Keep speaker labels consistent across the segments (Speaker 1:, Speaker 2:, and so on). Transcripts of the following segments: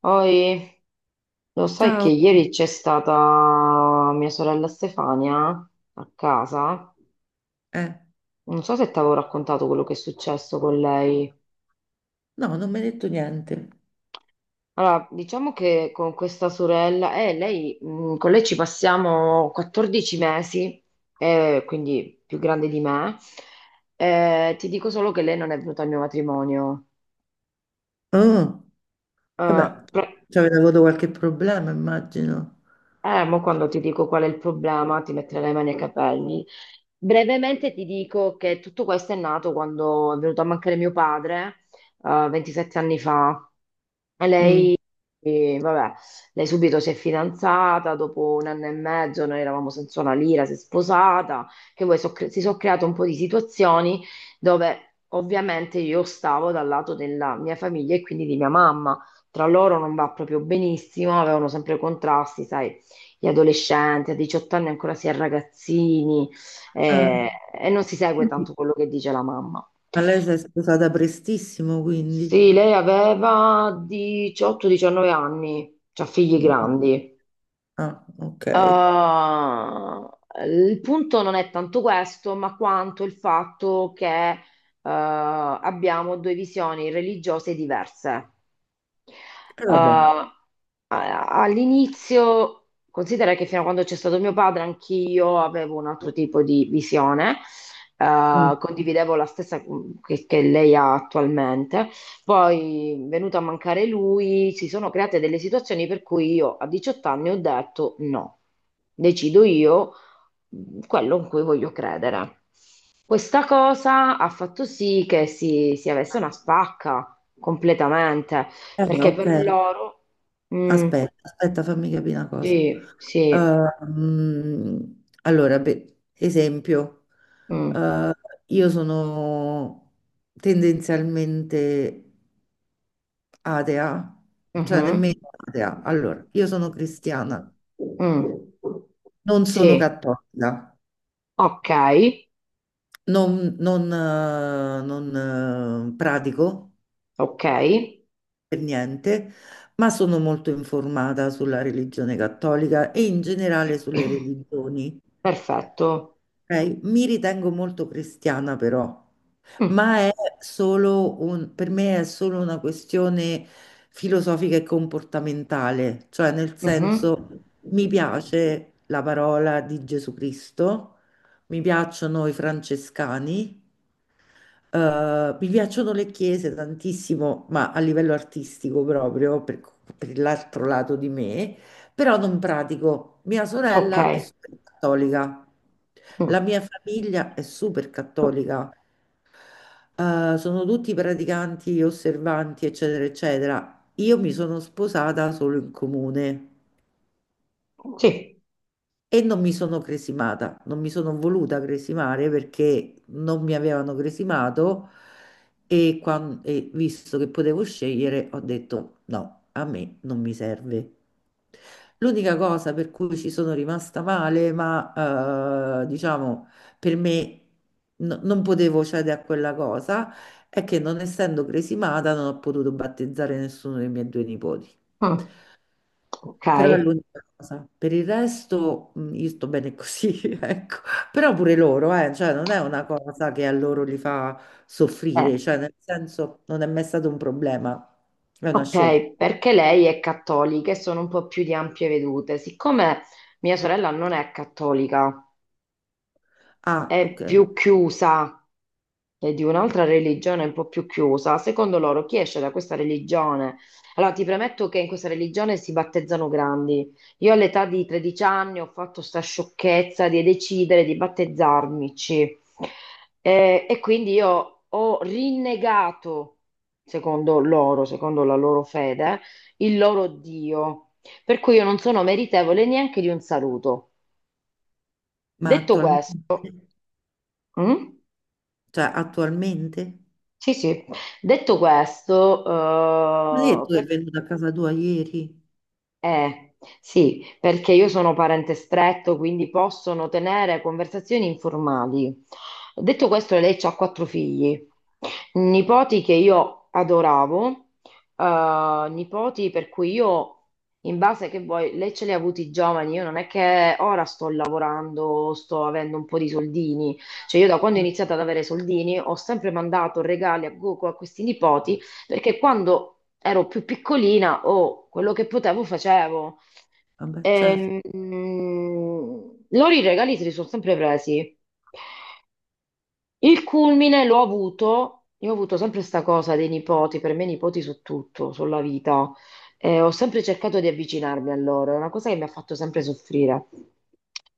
Speaker 1: Poi, lo sai che
Speaker 2: Ciao,
Speaker 1: ieri c'è stata mia sorella Stefania a casa?
Speaker 2: eh,
Speaker 1: Non so se ti avevo raccontato quello che è successo con lei.
Speaker 2: no, non mi hai detto niente.
Speaker 1: Allora, diciamo che con questa sorella, con lei ci passiamo 14 mesi, quindi più grande di me. Ti dico solo che lei non è venuta al mio matrimonio.
Speaker 2: Oh,
Speaker 1: Eh,
Speaker 2: vabbè,
Speaker 1: pro-
Speaker 2: ci avete avuto qualche problema, immagino.
Speaker 1: Mo quando ti dico qual è il problema, ti metterai le mani ai capelli. Brevemente ti dico che tutto questo è nato quando è venuto a mancare mio padre, 27 anni fa. E
Speaker 2: Mm.
Speaker 1: Lei e vabbè, lei subito si è fidanzata, dopo un anno e mezzo noi eravamo senza una lira, si è sposata, che poi si sono create un po' di situazioni dove ovviamente io stavo dal lato della mia famiglia e quindi di mia mamma. Tra loro non va proprio benissimo, avevano sempre contrasti, sai, gli adolescenti, a 18 anni ancora si è ragazzini,
Speaker 2: Eh,
Speaker 1: e non si segue tanto quello che dice la mamma.
Speaker 2: Ma lei si è sposata prestissimo,
Speaker 1: Sì,
Speaker 2: quindi.
Speaker 1: lei aveva 18-19 anni, cioè figli
Speaker 2: Mm.
Speaker 1: grandi.
Speaker 2: Ah, ok. E
Speaker 1: Uh, il punto non è tanto questo, ma quanto il fatto che abbiamo due visioni religiose diverse.
Speaker 2: vabbè.
Speaker 1: Uh, All'inizio, considera che fino a quando c'è stato mio padre, anch'io avevo un altro tipo di visione,
Speaker 2: Mm.
Speaker 1: condividevo la stessa che lei ha attualmente. Poi, venuto a mancare lui, si sono create delle situazioni per cui io a 18 anni ho detto no, decido io quello in cui voglio credere. Questa cosa ha fatto sì che si avesse una spacca completamente
Speaker 2: Eh,
Speaker 1: perché
Speaker 2: ok.
Speaker 1: per loro. Mm,
Speaker 2: Aspetta, aspetta, fammi capire una cosa.
Speaker 1: sì, sì.
Speaker 2: Allora, beh, esempio,
Speaker 1: Mm,
Speaker 2: eh, io sono tendenzialmente atea, cioè
Speaker 1: mhm,
Speaker 2: nemmeno atea. Allora, io sono cristiana,
Speaker 1: mm,
Speaker 2: non sono
Speaker 1: sì,
Speaker 2: cattolica,
Speaker 1: ok,
Speaker 2: non pratico
Speaker 1: ok.
Speaker 2: per niente, ma sono molto informata sulla religione cattolica e in generale sulle religioni.
Speaker 1: Perfetto.
Speaker 2: Ok? Mi ritengo molto cristiana però.
Speaker 1: Mm,
Speaker 2: Ma è solo per me è solo una questione filosofica e comportamentale, cioè nel
Speaker 1: mhm,
Speaker 2: senso mi piace la parola di Gesù Cristo, mi piacciono i francescani, mi piacciono le chiese tantissimo, ma a livello artistico proprio, per l'altro lato di me, però non pratico. Mia
Speaker 1: ok.
Speaker 2: sorella è super cattolica, la
Speaker 1: Mm,
Speaker 2: mia famiglia è super cattolica, sono tutti praticanti, osservanti, eccetera, eccetera. Io mi sono sposata solo in comune
Speaker 1: sì.
Speaker 2: e non mi sono cresimata, non mi sono voluta cresimare perché non mi avevano cresimato e, e visto che potevo scegliere ho detto no, a me non mi serve. L'unica cosa per cui ci sono rimasta male, ma diciamo per me non potevo cedere a quella cosa, è che non essendo cresimata non ho potuto battezzare nessuno dei miei due nipoti.
Speaker 1: Mm, ok.
Speaker 2: Però è l'unica cosa. Per il resto, io sto bene così, ecco. Però pure loro, cioè non è una cosa che a loro li fa
Speaker 1: Eh,
Speaker 2: soffrire, cioè nel senso non è mai stato un problema, è una scelta.
Speaker 1: Ok, perché lei è cattolica e sono un po' più di ampie vedute. Siccome mia sorella non è cattolica,
Speaker 2: Ah,
Speaker 1: è
Speaker 2: ok,
Speaker 1: più chiusa e di un'altra religione un po' più chiusa, secondo loro chi esce da questa religione? Allora, ti premetto che in questa religione si battezzano grandi. Io all'età di 13 anni ho fatto sta sciocchezza di decidere di battezzarmici. E quindi io ho rinnegato, secondo loro, secondo la loro fede, il loro Dio. Per cui io non sono meritevole neanche di un saluto.
Speaker 2: ma
Speaker 1: Detto
Speaker 2: attualmente.
Speaker 1: questo, mm?
Speaker 2: Cioè, attualmente?
Speaker 1: Sì, sì. Detto questo,
Speaker 2: Ma lei tu è venuta a casa tua ieri?
Speaker 1: sì, perché io sono parente stretto, quindi possono tenere conversazioni informali. Detto questo, lei ha quattro figli, nipoti che io adoravo, nipoti per cui io, in base che vuoi, lei ce li ha avuti giovani, io non è che ora sto lavorando, sto avendo un po' di soldini, cioè io da quando ho
Speaker 2: Eh,
Speaker 1: iniziato ad avere soldini ho sempre mandato regali a questi nipoti, perché quando ero più piccolina, oh, quello che potevo facevo.
Speaker 2: Vabbè, certo.
Speaker 1: Loro i regali se li sono sempre presi. Il culmine l'ho avuto, io ho avuto sempre questa cosa dei nipoti, per me i nipoti su tutto, sulla vita. Ho sempre cercato di avvicinarmi a loro, è una cosa che mi ha fatto sempre soffrire.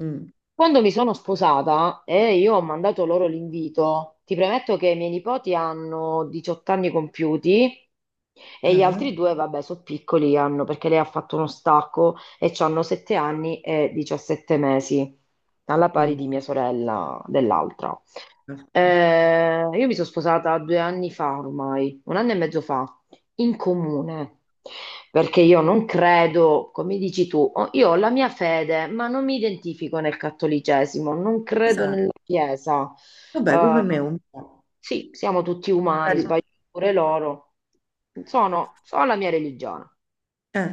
Speaker 2: Mm.
Speaker 1: Quando mi sono sposata e io ho mandato loro l'invito, ti premetto che i miei nipoti hanno 18 anni compiuti. E gli
Speaker 2: Eh?
Speaker 1: altri due, vabbè, sono piccoli, hanno, perché lei ha fatto uno stacco e hanno 7 anni e 17 mesi, alla pari
Speaker 2: Mm.
Speaker 1: di mia sorella dell'altra. Io mi sono sposata 2 anni fa ormai, un anno e mezzo fa, in comune, perché io non credo, come dici tu, io ho la mia fede, ma non mi identifico nel cattolicesimo, non credo
Speaker 2: Esatto.
Speaker 1: nella Chiesa.
Speaker 2: Vabbè,
Speaker 1: Eh,
Speaker 2: come me un po'.
Speaker 1: sì, siamo tutti umani,
Speaker 2: Magari.
Speaker 1: sbagliamo pure loro. Sono la mia religione.
Speaker 2: Eh,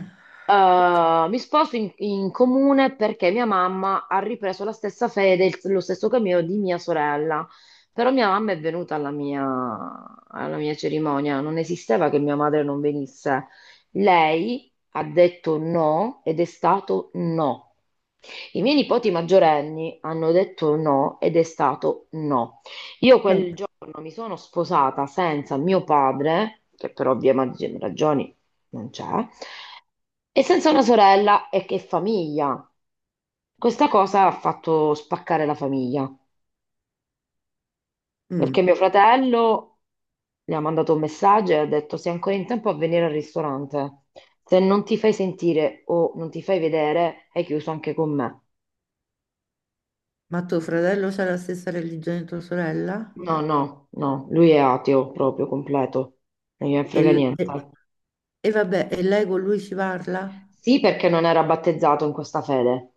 Speaker 2: ok.
Speaker 1: Mi sposo in comune perché mia mamma ha ripreso la stessa fede, lo stesso cammino di mia sorella. Però mia mamma è venuta alla mia cerimonia, non esisteva che mia madre non venisse. Lei ha detto no ed è stato no. I miei nipoti maggiorenni hanno detto no ed è stato no. Io quel giorno mi sono sposata senza mio padre, che per ovvie ragioni non c'è, e senza una sorella e che famiglia. Questa cosa ha fatto spaccare la famiglia, perché
Speaker 2: Mm.
Speaker 1: mio fratello le ha mandato un messaggio e ha detto sei ancora in tempo a venire al ristorante. Se non ti fai sentire o non ti fai vedere, hai chiuso anche con me.
Speaker 2: Ma tuo fratello c'ha la stessa religione di tua sorella?
Speaker 1: No, no, no, lui è ateo proprio completo, non gliene
Speaker 2: E,
Speaker 1: frega
Speaker 2: l-
Speaker 1: niente.
Speaker 2: e- e vabbè, e lei con lui ci parla?
Speaker 1: Sì, perché non era battezzato in questa fede.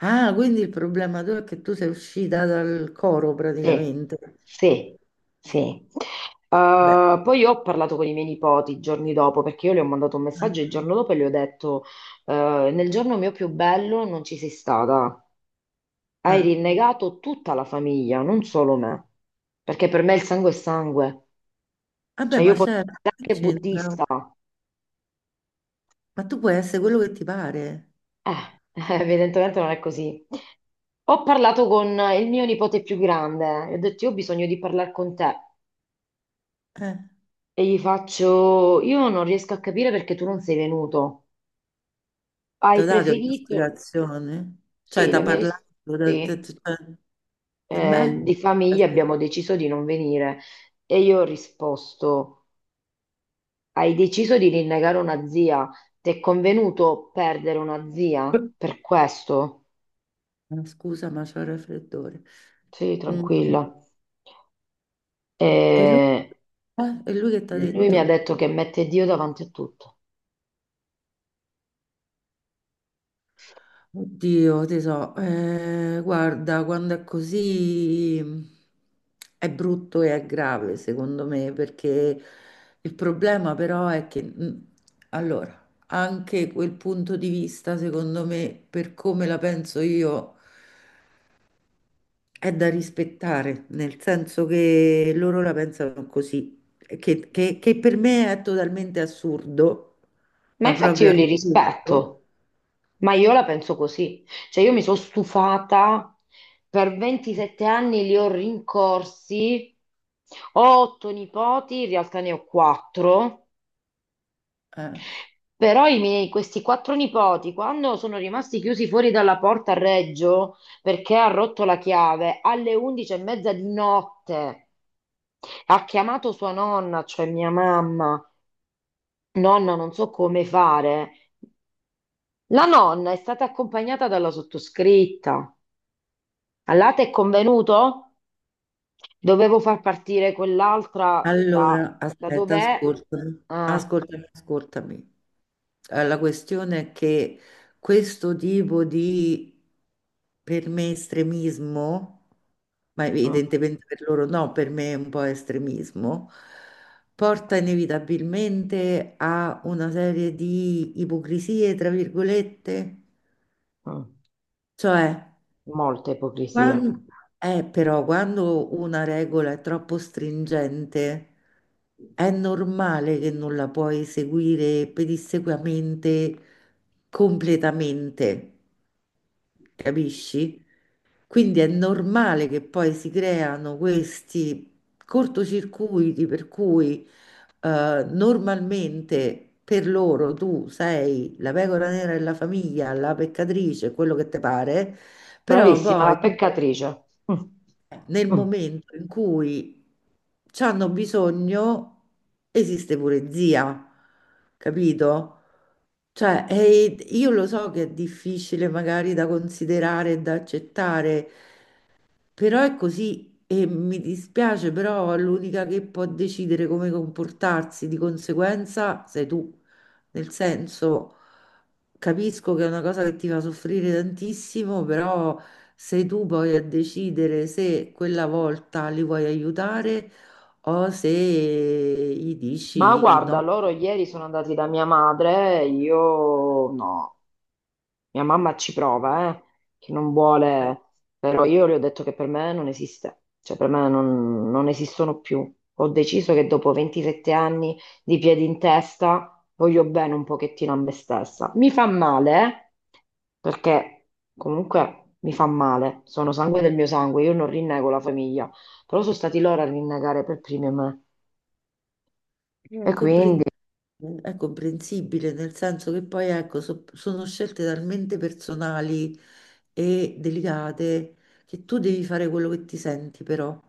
Speaker 2: Ah, quindi il problema tuo è che tu sei uscita dal coro
Speaker 1: Sì,
Speaker 2: praticamente.
Speaker 1: sì, sì.
Speaker 2: Beh,
Speaker 1: Poi ho parlato con i miei nipoti i giorni dopo perché io le ho mandato un
Speaker 2: eh,
Speaker 1: messaggio il giorno dopo e le ho detto: Nel giorno mio più bello non ci sei stata. Hai
Speaker 2: eh.
Speaker 1: rinnegato tutta la famiglia, non solo me. Perché per me il sangue è sangue.
Speaker 2: Vabbè,
Speaker 1: Cioè, io
Speaker 2: ma
Speaker 1: posso
Speaker 2: certo,
Speaker 1: essere
Speaker 2: che
Speaker 1: anche
Speaker 2: c'entra.
Speaker 1: buddista.
Speaker 2: Ma tu puoi essere quello che ti pare.
Speaker 1: Eh, Evidentemente non è così. Ho parlato con il mio nipote più grande e ho detto: Io ho bisogno di parlare con te.
Speaker 2: Eh.
Speaker 1: E gli faccio, io non riesco a capire perché tu non sei venuto. Hai
Speaker 2: Ti ho dato
Speaker 1: preferito?
Speaker 2: un'ispirazione? Cioè,
Speaker 1: Sì,
Speaker 2: ti
Speaker 1: la
Speaker 2: ha
Speaker 1: mia
Speaker 2: parlato?
Speaker 1: risposta,
Speaker 2: t'ha detto-
Speaker 1: sì.
Speaker 2: cioè, E beh,
Speaker 1: Di famiglia
Speaker 2: aspetta.
Speaker 1: abbiamo deciso di non venire. E io ho risposto, hai deciso di rinnegare una zia. Ti è convenuto perdere una zia per questo?
Speaker 2: Scusa, ma c'ho il raffreddore.
Speaker 1: Sì,
Speaker 2: Mm.
Speaker 1: tranquilla. E
Speaker 2: E lui, e lui che ti ha
Speaker 1: lui mi
Speaker 2: detto?
Speaker 1: ha detto che mette Dio davanti a tutto.
Speaker 2: Oddio, ti so, guarda, quando è così è brutto e è grave, secondo me, perché il problema però è che, allora, anche quel punto di vista, secondo me, per come la penso io, è da rispettare, nel senso che loro la pensano così, che per me è totalmente assurdo,
Speaker 1: Ma
Speaker 2: ma
Speaker 1: infatti
Speaker 2: proprio
Speaker 1: io li
Speaker 2: assurdo.
Speaker 1: rispetto, ma io la penso così. Cioè io mi sono stufata, per 27 anni li ho rincorsi, ho otto nipoti, in realtà ne ho quattro,
Speaker 2: Eh.
Speaker 1: però questi quattro nipoti, quando sono rimasti chiusi fuori dalla porta a Reggio, perché ha rotto la chiave, alle 11 e mezza di notte, ha chiamato sua nonna, cioè mia mamma, nonna non so come fare, la nonna è stata accompagnata dalla sottoscritta. All'ate è convenuto? Dovevo far partire quell'altra da,
Speaker 2: Allora,
Speaker 1: da
Speaker 2: aspetta,
Speaker 1: dov'è?
Speaker 2: ascoltami,
Speaker 1: Eh,
Speaker 2: ascoltami, ascoltami. La questione è che questo tipo di, per me, estremismo, ma
Speaker 1: mm,
Speaker 2: evidentemente per loro no, per me è un po' estremismo, porta inevitabilmente a una serie di ipocrisie, tra virgolette,
Speaker 1: mm,
Speaker 2: cioè.
Speaker 1: Molta ipocrisia.
Speaker 2: Quan- però quando una regola è troppo stringente, è normale che non la puoi seguire pedissequamente, completamente, capisci? Quindi è normale che poi si creano questi cortocircuiti per cui normalmente per loro tu sei la pecora nera della famiglia, la peccatrice, quello che ti pare. Però
Speaker 1: Bravissima,
Speaker 2: poi
Speaker 1: la peccatrice. Mm,
Speaker 2: nel
Speaker 1: mm.
Speaker 2: momento in cui ci hanno bisogno, esiste pure zia, capito? Cioè, e io lo so che è difficile magari da considerare e da accettare, però è così e mi dispiace, però l'unica che può decidere come comportarsi di conseguenza sei tu. Nel senso, capisco che è una cosa che ti fa soffrire tantissimo, però sei tu poi a decidere se quella volta li vuoi aiutare o se gli
Speaker 1: Ma
Speaker 2: dici
Speaker 1: guarda,
Speaker 2: no.
Speaker 1: loro ieri sono andati da mia madre, io no. Mia mamma ci prova, che non vuole, però io le ho detto che per me non esiste, cioè per me non esistono più. Ho deciso che dopo 27 anni di piedi in testa voglio bene un pochettino a me stessa. Mi fa male, perché comunque mi fa male, sono sangue del mio sangue, io non rinnego la famiglia, però sono stati loro a rinnegare per primi me
Speaker 2: È
Speaker 1: e
Speaker 2: compren-
Speaker 1: quindi
Speaker 2: è comprensibile, nel senso che poi ecco, sono scelte talmente personali e delicate che tu devi fare quello che ti senti, però,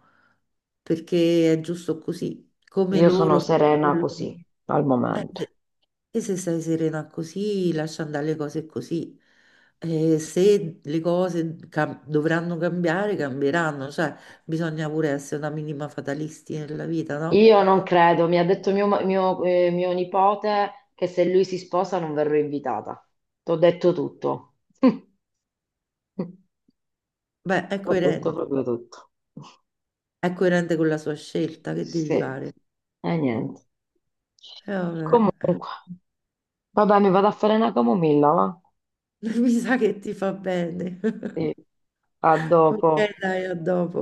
Speaker 2: perché è giusto così, come
Speaker 1: io sono
Speaker 2: loro fanno
Speaker 1: serena
Speaker 2: quello.
Speaker 1: così al
Speaker 2: Eh,
Speaker 1: momento.
Speaker 2: E se sei serena così, lascia andare le cose così. E se le cose dovranno cambiare, cambieranno, cioè bisogna pure essere una minima fatalisti nella vita, no?
Speaker 1: Io non credo, mi ha detto mio nipote che se lui si sposa non verrò invitata. T'ho detto tutto.
Speaker 2: Beh, è
Speaker 1: Ho detto
Speaker 2: coerente.
Speaker 1: proprio tutto.
Speaker 2: È coerente con la sua scelta, che devi
Speaker 1: Sì,
Speaker 2: fare?
Speaker 1: e niente.
Speaker 2: E vabbè,
Speaker 1: Comunque, vabbè, mi vado a fare una camomilla, va?
Speaker 2: mi sa che ti fa bene.
Speaker 1: Sì. A
Speaker 2: Ok,
Speaker 1: dopo.
Speaker 2: dai, a dopo.